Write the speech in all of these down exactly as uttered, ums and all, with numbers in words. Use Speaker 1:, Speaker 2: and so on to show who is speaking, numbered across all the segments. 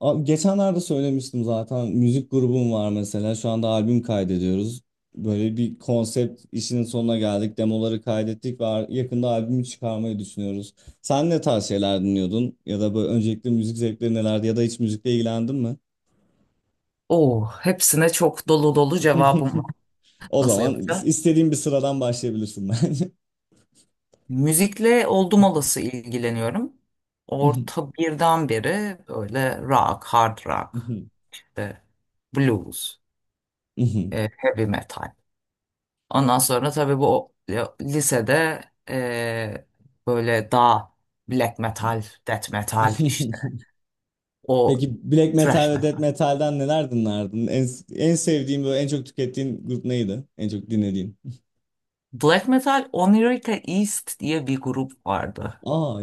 Speaker 1: Abi geçenlerde söylemiştim zaten müzik grubum var mesela şu anda albüm kaydediyoruz. Böyle bir konsept işinin sonuna geldik. Demoları kaydettik ve ar- yakında albümü çıkarmayı düşünüyoruz. Sen ne tarz şeyler dinliyordun? Ya da böyle öncelikle müzik zevkleri nelerdi ya da hiç müzikle ilgilendin mi?
Speaker 2: Oo, hepsine çok dolu dolu cevabım var.
Speaker 1: O
Speaker 2: Nasıl
Speaker 1: zaman
Speaker 2: yapacağım?
Speaker 1: istediğin bir sıradan başlayabilirsin bence.
Speaker 2: Müzikle oldum olası ilgileniyorum. Orta birden beri böyle rock, hard rock, işte blues, e, heavy metal. Ondan sonra tabii bu o- ya, lisede e, böyle daha black metal, death metal işte o
Speaker 1: Peki black metal
Speaker 2: thrash
Speaker 1: ve death
Speaker 2: metal.
Speaker 1: metal'den neler dinlerdin? En, en sevdiğin böyle en çok tükettiğin grup neydi? En çok dinlediğin?
Speaker 2: Black metal Onirica East diye bir grup vardı.
Speaker 1: Aa,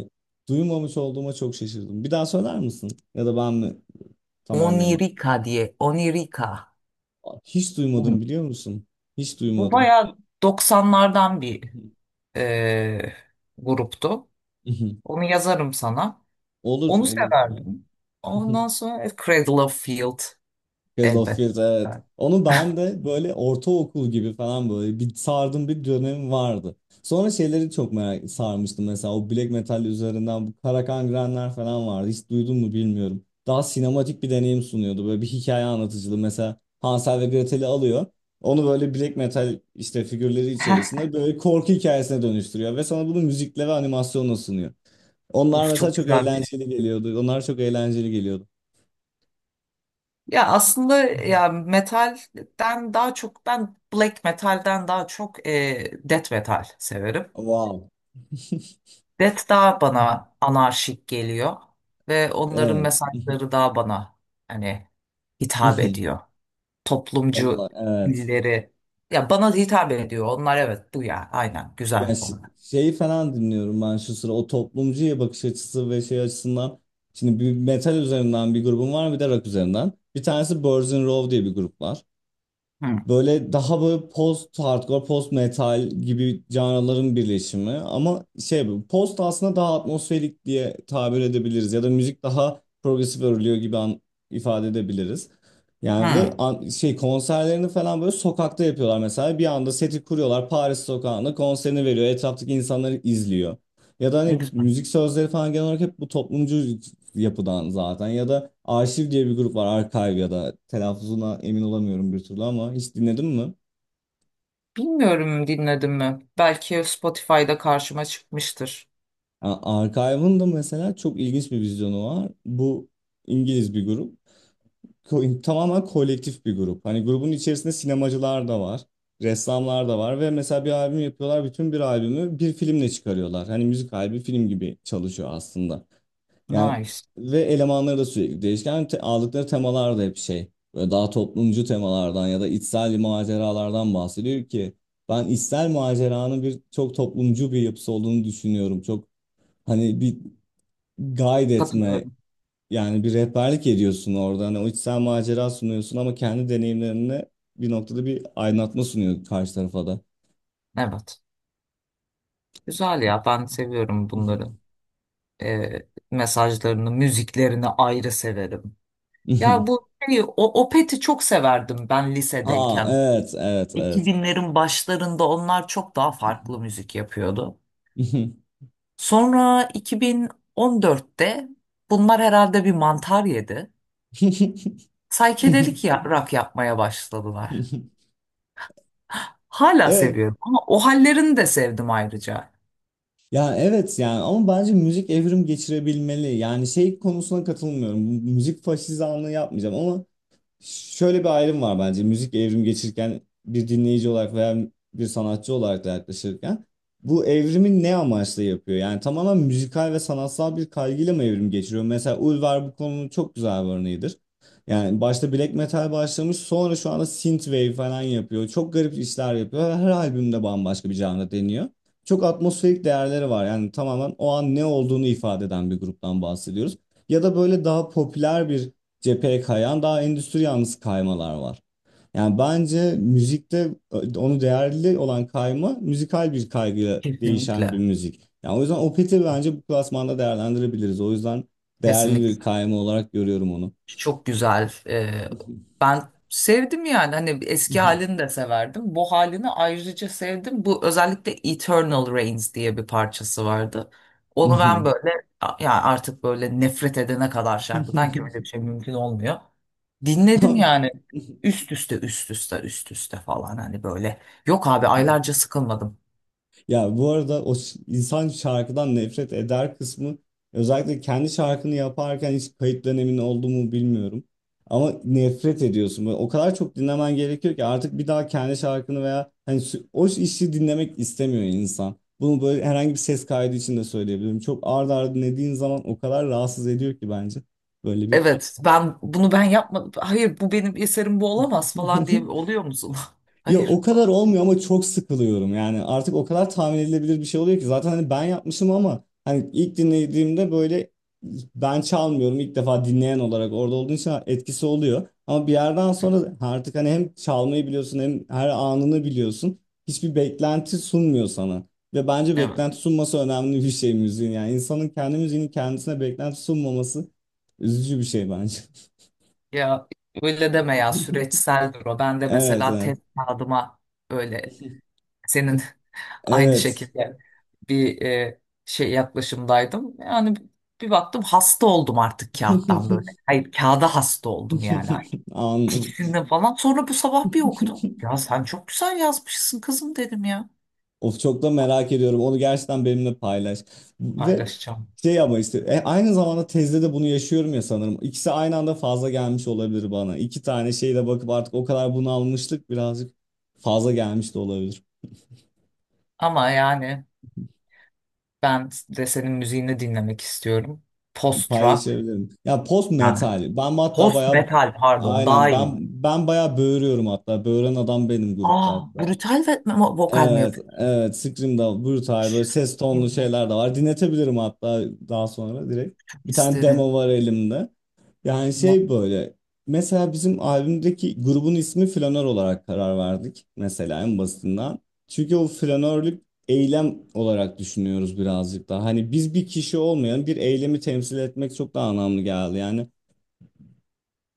Speaker 1: duymamış olduğuma çok şaşırdım. Bir daha söyler misin? Ya da ben mi tam anlayamadım.
Speaker 2: Onirica diye, Onirica.
Speaker 1: Aa, hiç duymadım biliyor musun? Hiç
Speaker 2: Bu
Speaker 1: duymadım.
Speaker 2: bayağı doksanlardan bir e, gruptu. Onu yazarım sana.
Speaker 1: Olur,
Speaker 2: Onu
Speaker 1: olur.
Speaker 2: severdim. Ondan sonra e, Cradle of Field
Speaker 1: Cradle of
Speaker 2: elbette.
Speaker 1: Filth, evet.
Speaker 2: Yani,
Speaker 1: Onu ben de böyle ortaokul gibi falan böyle bir sardım bir dönem vardı. Sonra şeyleri çok merak sarmıştım mesela o black metal üzerinden bu Karakan falan vardı. Hiç duydun mu bilmiyorum. Daha sinematik bir deneyim sunuyordu. Böyle bir hikaye anlatıcılığı mesela Hansel ve Gretel'i alıyor. Onu böyle black metal işte figürleri içerisinde böyle korku hikayesine dönüştürüyor ve sana bunu müzikle ve animasyonla sunuyor. Onlar
Speaker 2: Of
Speaker 1: mesela
Speaker 2: çok
Speaker 1: çok
Speaker 2: güzelmiş.
Speaker 1: eğlenceli geliyordu. Onlar çok eğlenceli geliyordu.
Speaker 2: Ya aslında ya metalden daha çok ben black metalden daha çok e, death metal severim.
Speaker 1: Wow.
Speaker 2: Death daha bana anarşik geliyor ve onların
Speaker 1: Evet.
Speaker 2: mesajları daha bana hani hitap ediyor. Toplumcu
Speaker 1: Vallahi evet.
Speaker 2: dilleri. Ya bana hitap ediyor. Onlar evet bu ya. Aynen
Speaker 1: Ya
Speaker 2: güzel
Speaker 1: ş-
Speaker 2: onlar.
Speaker 1: Şeyi falan dinliyorum ben şu sıra o toplumcuya bakış açısı ve şey açısından. Şimdi bir metal üzerinden bir grubum var bir de rock üzerinden. Bir tanesi Birds in Row diye bir grup var.
Speaker 2: Hı.
Speaker 1: Böyle daha böyle post hardcore, post metal gibi canraların birleşimi ama şey bu, post aslında daha atmosferik diye tabir edebiliriz ya da müzik daha progresif örülüyor gibi an- ifade edebiliriz. Yani ve
Speaker 2: Hı.
Speaker 1: an- şey konserlerini falan böyle sokakta yapıyorlar mesela bir anda seti kuruyorlar Paris sokağında konserini veriyor etraftaki insanları izliyor. Ya da
Speaker 2: Ne
Speaker 1: hani
Speaker 2: güzel.
Speaker 1: müzik sözleri falan genel olarak hep bu toplumcu yapıdan zaten. Ya da Arşiv diye bir grup var. Archive ya da telaffuzuna emin olamıyorum bir türlü ama hiç dinledin mi?
Speaker 2: Bilmiyorum, dinledim mi? Belki Spotify'da karşıma çıkmıştır.
Speaker 1: Yani Archive'ın da mesela çok ilginç bir vizyonu var. Bu İngiliz bir grup. Ko- tamamen kolektif bir grup. Hani grubun içerisinde sinemacılar da var. Ressamlar da var ve mesela bir albüm yapıyorlar. Bütün bir albümü bir filmle çıkarıyorlar. Hani müzik albüm film gibi çalışıyor aslında. Yani
Speaker 2: Nice.
Speaker 1: ve elemanları da sürekli değişken. Yani te- aldıkları temalar da hep şey böyle daha toplumcu temalardan ya da içsel maceralardan bahsediyor ki ben içsel maceranın bir çok toplumcu bir yapısı olduğunu düşünüyorum. Çok hani bir guide etme,
Speaker 2: Katılıyorum.
Speaker 1: yani bir rehberlik ediyorsun orada. Hani o içsel macera sunuyorsun ama kendi deneyimlerine bir noktada bir aydınlatma sunuyor karşı tarafa da.
Speaker 2: Evet. Güzel ya. Ben seviyorum bunları. Ee, mesajlarını, müziklerini ayrı severim. Ya bu şey, o Opet'i çok severdim ben
Speaker 1: Aa
Speaker 2: lisedeyken.
Speaker 1: evet evet evet.
Speaker 2: iki binlerin başlarında onlar çok daha farklı müzik yapıyordu. Sonra iki bin on dörtte bunlar herhalde bir mantar yedi. Saykedelik ya- rock yapmaya başladılar. Hala
Speaker 1: Evet.
Speaker 2: seviyorum ama o hallerini de sevdim ayrıca.
Speaker 1: Ya evet yani ama bence müzik evrim geçirebilmeli. Yani şey konusuna katılmıyorum. Müzik faşizanlığı yapmayacağım ama şöyle bir ayrım var bence. Müzik evrim geçirirken bir dinleyici olarak veya bir sanatçı olarak da yaklaşırken bu evrimi ne amaçla yapıyor? Yani tamamen müzikal ve sanatsal bir kaygıyla mı evrim geçiriyor? Mesela Ulver bu konunun çok güzel bir örneğidir. Yani başta black metal başlamış sonra şu anda synthwave falan yapıyor. Çok garip işler yapıyor. Ve her albümde bambaşka bir janra deniyor. Çok atmosferik değerleri var. Yani tamamen o an ne olduğunu ifade eden bir gruptan bahsediyoruz. Ya da böyle daha popüler bir cepheye kayan daha endüstri yanlısı kaymalar var. Yani bence müzikte onu değerli olan kayma müzikal bir kaygıyla değişen bir
Speaker 2: Kesinlikle.
Speaker 1: müzik. Yani o yüzden Opeth'i bence bu klasmanda değerlendirebiliriz. O yüzden değerli
Speaker 2: Kesinlikle.
Speaker 1: bir kayma olarak görüyorum onu.
Speaker 2: Çok güzel. Ee, ben sevdim yani hani eski halini de severdim. Bu halini ayrıca sevdim. Bu özellikle Eternal Rains diye bir parçası vardı. Onu ben böyle ya artık böyle nefret edene kadar şarkıdan, ki öyle bir şey mümkün olmuyor. Dinledim yani üst üste üst üste üst üste falan hani böyle. Yok abi aylarca sıkılmadım.
Speaker 1: Ya bu arada o ş- insan şarkıdan nefret eder kısmı özellikle kendi şarkını yaparken hiç kayıt dönemin oldu mu bilmiyorum. Ama nefret ediyorsun. Böyle o kadar çok dinlemen gerekiyor ki artık bir daha kendi şarkını veya hani sü- o işi dinlemek istemiyor insan. Bunu böyle herhangi bir ses kaydı için de söyleyebilirim. Çok ard arda dinlediğin zaman o kadar rahatsız ediyor ki bence. Böyle bir
Speaker 2: Evet ben bunu ben yapmadım. Hayır, bu benim eserim, bu olamaz falan diye oluyor musun?
Speaker 1: ya o
Speaker 2: Hayır falan.
Speaker 1: kadar olmuyor ama çok sıkılıyorum yani artık o kadar tahmin edilebilir bir şey oluyor ki zaten hani ben yapmışım ama hani ilk dinlediğimde böyle ben çalmıyorum ilk defa dinleyen olarak orada olduğun için etkisi oluyor ama bir yerden sonra artık hani hem çalmayı biliyorsun hem her anını biliyorsun hiçbir beklenti sunmuyor sana ve bence
Speaker 2: Evet.
Speaker 1: beklenti sunması önemli bir şey müziğin, yani insanın kendi müziğinin kendisine beklenti sunmaması üzücü bir şey bence.
Speaker 2: Ya öyle deme ya, süreçseldir o. Ben de
Speaker 1: Evet
Speaker 2: mesela
Speaker 1: evet.
Speaker 2: test kağıdıma öyle senin aynı
Speaker 1: Evet.
Speaker 2: şekilde bir e, şey yaklaşımdaydım. Yani bir baktım hasta oldum artık kağıttan böyle. Hayır, kağıda hasta oldum yani.
Speaker 1: Anladım.
Speaker 2: Fikrinden falan. Sonra bu sabah bir okudum. Ya sen çok güzel yazmışsın kızım dedim ya.
Speaker 1: Of çok da merak ediyorum. Onu gerçekten benimle paylaş. Ve
Speaker 2: Paylaşacağım.
Speaker 1: şey ama işte e, aynı zamanda tezde de bunu yaşıyorum ya sanırım. İkisi aynı anda fazla gelmiş olabilir bana. İki tane şeyle bakıp artık o kadar bunalmışlık birazcık fazla gelmiş de olabilir.
Speaker 2: Ama yani ben de senin müziğini dinlemek istiyorum. Post rock
Speaker 1: Paylaşabilirim. Ya post
Speaker 2: yani
Speaker 1: metal. Ben hatta
Speaker 2: Post
Speaker 1: bayağı,
Speaker 2: metal pardon, daha
Speaker 1: aynen ben
Speaker 2: iyi.
Speaker 1: ben bayağı böğürüyorum hatta. Böğüren adam benim grupta.
Speaker 2: Aa, brutal ve mo- vokal mi
Speaker 1: Evet,
Speaker 2: yapıyormuş?
Speaker 1: evet. Scream'da brutal böyle ses tonlu
Speaker 2: Kim bu?
Speaker 1: şeyler de var. Dinletebilirim hatta daha sonra direkt. Bir tane
Speaker 2: İsterim.
Speaker 1: demo var elimde. Yani
Speaker 2: No,
Speaker 1: şey böyle. Mesela bizim albümdeki grubun ismi Flanör olarak karar verdik. Mesela en basitinden. Çünkü o flanörlük eylem olarak düşünüyoruz birazcık daha. Hani biz bir kişi olmayan bir eylemi temsil etmek çok daha anlamlı geldi. Yani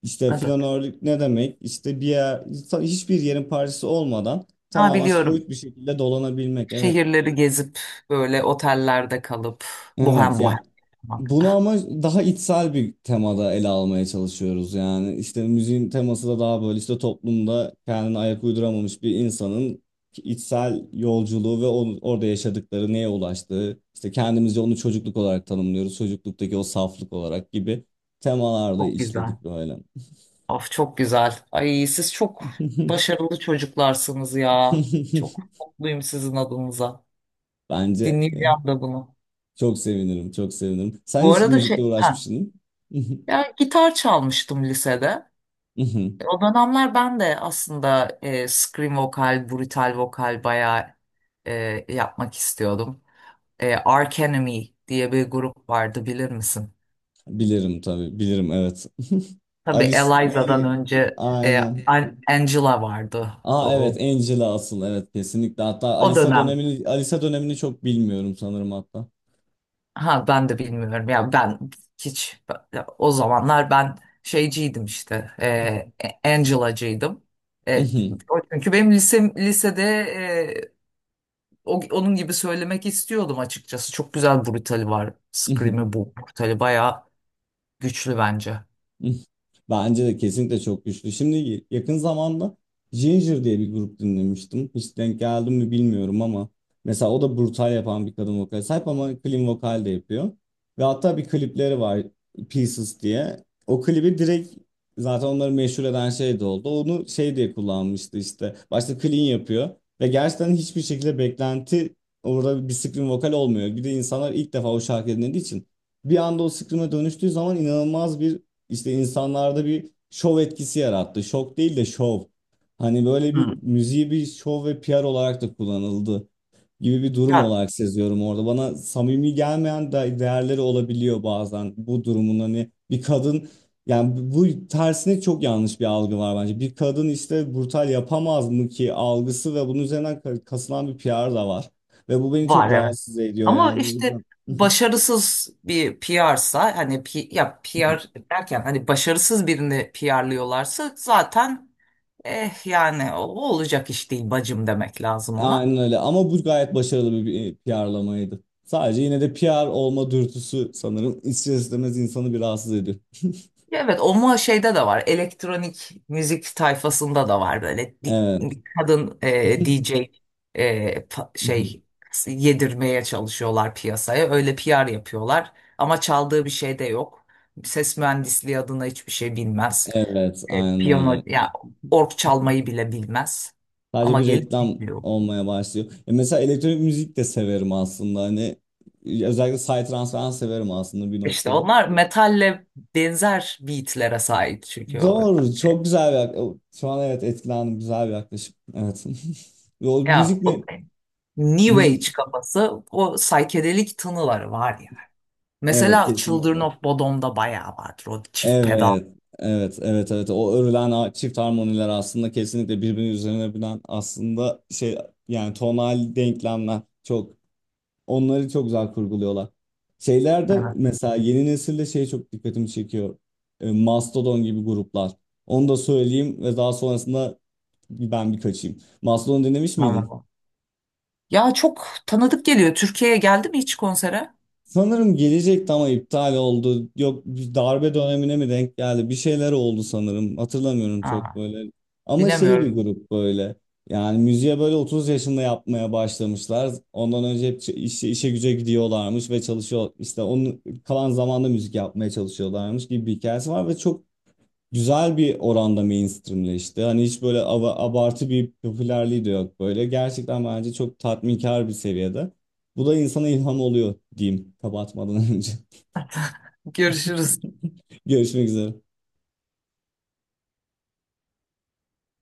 Speaker 1: işte
Speaker 2: evet.
Speaker 1: flanörlük ne demek? İşte bir yer, hiçbir yerin parçası olmadan
Speaker 2: Ha,
Speaker 1: tamamen
Speaker 2: biliyorum.
Speaker 1: soyut bir şekilde dolanabilmek. Evet.
Speaker 2: Şehirleri gezip böyle otellerde kalıp bohem
Speaker 1: Evet
Speaker 2: bohem
Speaker 1: ya
Speaker 2: yaşamak.
Speaker 1: bunu ama daha içsel bir temada ele almaya çalışıyoruz yani işte müziğin teması da daha böyle işte toplumda kendine ayak uyduramamış bir insanın içsel yolculuğu ve onu- orada yaşadıkları neye ulaştığı işte kendimizce onu çocukluk olarak tanımlıyoruz çocukluktaki o saflık olarak gibi temalarda
Speaker 2: Çok güzel.
Speaker 1: işledik böyle.
Speaker 2: Of çok güzel. Ay siz çok başarılı çocuklarsınız ya. Çok mutluyum sizin adınıza.
Speaker 1: Bence
Speaker 2: Dinleyeceğim de bunu.
Speaker 1: çok sevinirim, çok sevinirim. Sen
Speaker 2: Bu
Speaker 1: hiç
Speaker 2: arada
Speaker 1: müzikle
Speaker 2: şey, ha,
Speaker 1: uğraşmışsın değil mi?
Speaker 2: Ya gitar çalmıştım lisede.
Speaker 1: Mhm.
Speaker 2: O dönemler ben de aslında e, scream vokal, brutal vokal bayağı e, yapmak istiyordum. E, Arch Enemy diye bir grup vardı, bilir misin?
Speaker 1: Bilirim tabii, bilirim evet.
Speaker 2: Tabii
Speaker 1: Alice
Speaker 2: Eliza'dan
Speaker 1: neydi?
Speaker 2: önce e,
Speaker 1: Aynen.
Speaker 2: An- Angela vardı.
Speaker 1: Aa evet
Speaker 2: O,
Speaker 1: Angela asıl evet kesinlikle. Hatta
Speaker 2: o
Speaker 1: Alisa
Speaker 2: dönem
Speaker 1: dönemini Alisa dönemini çok bilmiyorum sanırım hatta.
Speaker 2: ha ben de bilmiyorum ya, ben hiç o zamanlar ben şeyciydim işte, e, Angela'cıydım. E,
Speaker 1: Mhm,
Speaker 2: o çünkü benim lisem, lisede e, O, onun gibi söylemek istiyordum açıkçası. Çok güzel brutali var.
Speaker 1: mhm.
Speaker 2: Scream'i bu brutali bayağı güçlü bence.
Speaker 1: Bence de kesinlikle çok güçlü. Şimdi yakın zamanda Ginger diye bir grup dinlemiştim. Hiç denk geldim mi bilmiyorum ama mesela o da brutal yapan bir kadın vokale sahip ama clean vokal de yapıyor. Ve hatta bir klipleri var Pieces diye. O klibi direkt zaten onları meşhur eden şey de oldu. Onu şey diye kullanmıştı işte. Başta clean yapıyor ve gerçekten hiçbir şekilde beklenti orada bir scream vokal olmuyor. Bir de insanlar ilk defa o şarkı dinlediği için bir anda o scream'e dönüştüğü zaman inanılmaz bir işte insanlarda bir şov etkisi yarattı. Şok değil de şov. Hani böyle bir
Speaker 2: Hmm.
Speaker 1: müziği bir şov ve P R olarak da kullanıldı gibi bir durum
Speaker 2: Ya
Speaker 1: olarak seziyorum orada. Bana samimi gelmeyen de değerleri olabiliyor bazen bu durumun, hani bir kadın, yani bu tersine çok yanlış bir algı var bence. Bir kadın işte brutal yapamaz mı ki algısı ve bunun üzerinden ka- kasılan bir P R da var. Ve bu beni
Speaker 2: var,
Speaker 1: çok
Speaker 2: evet.
Speaker 1: rahatsız ediyor
Speaker 2: Ama
Speaker 1: yani. O
Speaker 2: işte
Speaker 1: yüzden-
Speaker 2: başarısız bir P R'sa, hani P- ya P R derken hani başarısız birini P R'lıyorlarsa zaten eh yani o olacak iş değil bacım demek lazım ona.
Speaker 1: aynen öyle ama bu gayet başarılı bir bir P R'lamaydı. Sadece yine de P R olma dürtüsü sanırım ister istemez insanı bir rahatsız ediyor.
Speaker 2: Evet ama şeyde de var, elektronik müzik tayfasında da var böyle di-
Speaker 1: Evet.
Speaker 2: bir kadın e, D J e, pa- şey yedirmeye çalışıyorlar piyasaya, öyle P R yapıyorlar ama çaldığı bir şey de yok, ses mühendisliği adına hiçbir şey bilmez.
Speaker 1: Evet,
Speaker 2: E,
Speaker 1: aynen
Speaker 2: piyano
Speaker 1: öyle.
Speaker 2: ya org çalmayı bile bilmez
Speaker 1: Sadece
Speaker 2: ama
Speaker 1: bir
Speaker 2: gelip
Speaker 1: reklam
Speaker 2: dinliyor.
Speaker 1: olmaya başlıyor. E mesela elektronik müzik de severim aslında. Hani özellikle psytrance falan severim aslında bir
Speaker 2: İşte
Speaker 1: noktada.
Speaker 2: onlar metalle benzer beatlere sahip çünkü o,
Speaker 1: Doğru, çok güzel bir yaklaşım. Şu an evet etkilendim, güzel bir yaklaşım. Evet. Ve o
Speaker 2: ya
Speaker 1: müzik
Speaker 2: o-
Speaker 1: mi?
Speaker 2: New
Speaker 1: Müzik.
Speaker 2: Age kafası, o saykedelik tınıları var ya.
Speaker 1: Evet,
Speaker 2: Mesela Children
Speaker 1: kesinlikle.
Speaker 2: of Bodom'da bayağı vardır o çift pedal.
Speaker 1: Evet, evet, evet, evet. O örülen a- çift harmoniler aslında kesinlikle birbirinin üzerine binen aslında şey, yani tonal denklemler çok, onları çok güzel kurguluyorlar. Şeylerde
Speaker 2: Evet,
Speaker 1: mesela yeni nesilde şey çok dikkatimi çekiyor. E, Mastodon gibi gruplar. Onu da söyleyeyim ve daha sonrasında ben bir kaçayım. Mastodon dinlemiş miydin?
Speaker 2: tamam. Ya çok tanıdık geliyor. Türkiye'ye geldi mi hiç konsere?
Speaker 1: Sanırım gelecekti ama iptal oldu. Yok bir darbe dönemine mi denk geldi? Bir şeyler oldu sanırım. Hatırlamıyorum çok
Speaker 2: Aa,
Speaker 1: böyle. Ama şey bir
Speaker 2: bilemiyorum.
Speaker 1: grup böyle. Yani müziğe böyle otuz yaşında yapmaya başlamışlar. Ondan önce hep ç- işe, işe güce gidiyorlarmış ve çalışıyor. İşte onun kalan zamanda müzik yapmaya çalışıyorlarmış gibi bir hikayesi var ve çok güzel bir oranda mainstreamleşti. Hani hiç böyle ava- abartı bir popülerliği de yok böyle. Gerçekten bence çok tatminkar bir seviyede. Bu da insana ilham oluyor diyeyim kapatmadan önce.
Speaker 2: Görüşürüz.
Speaker 1: Görüşmek üzere.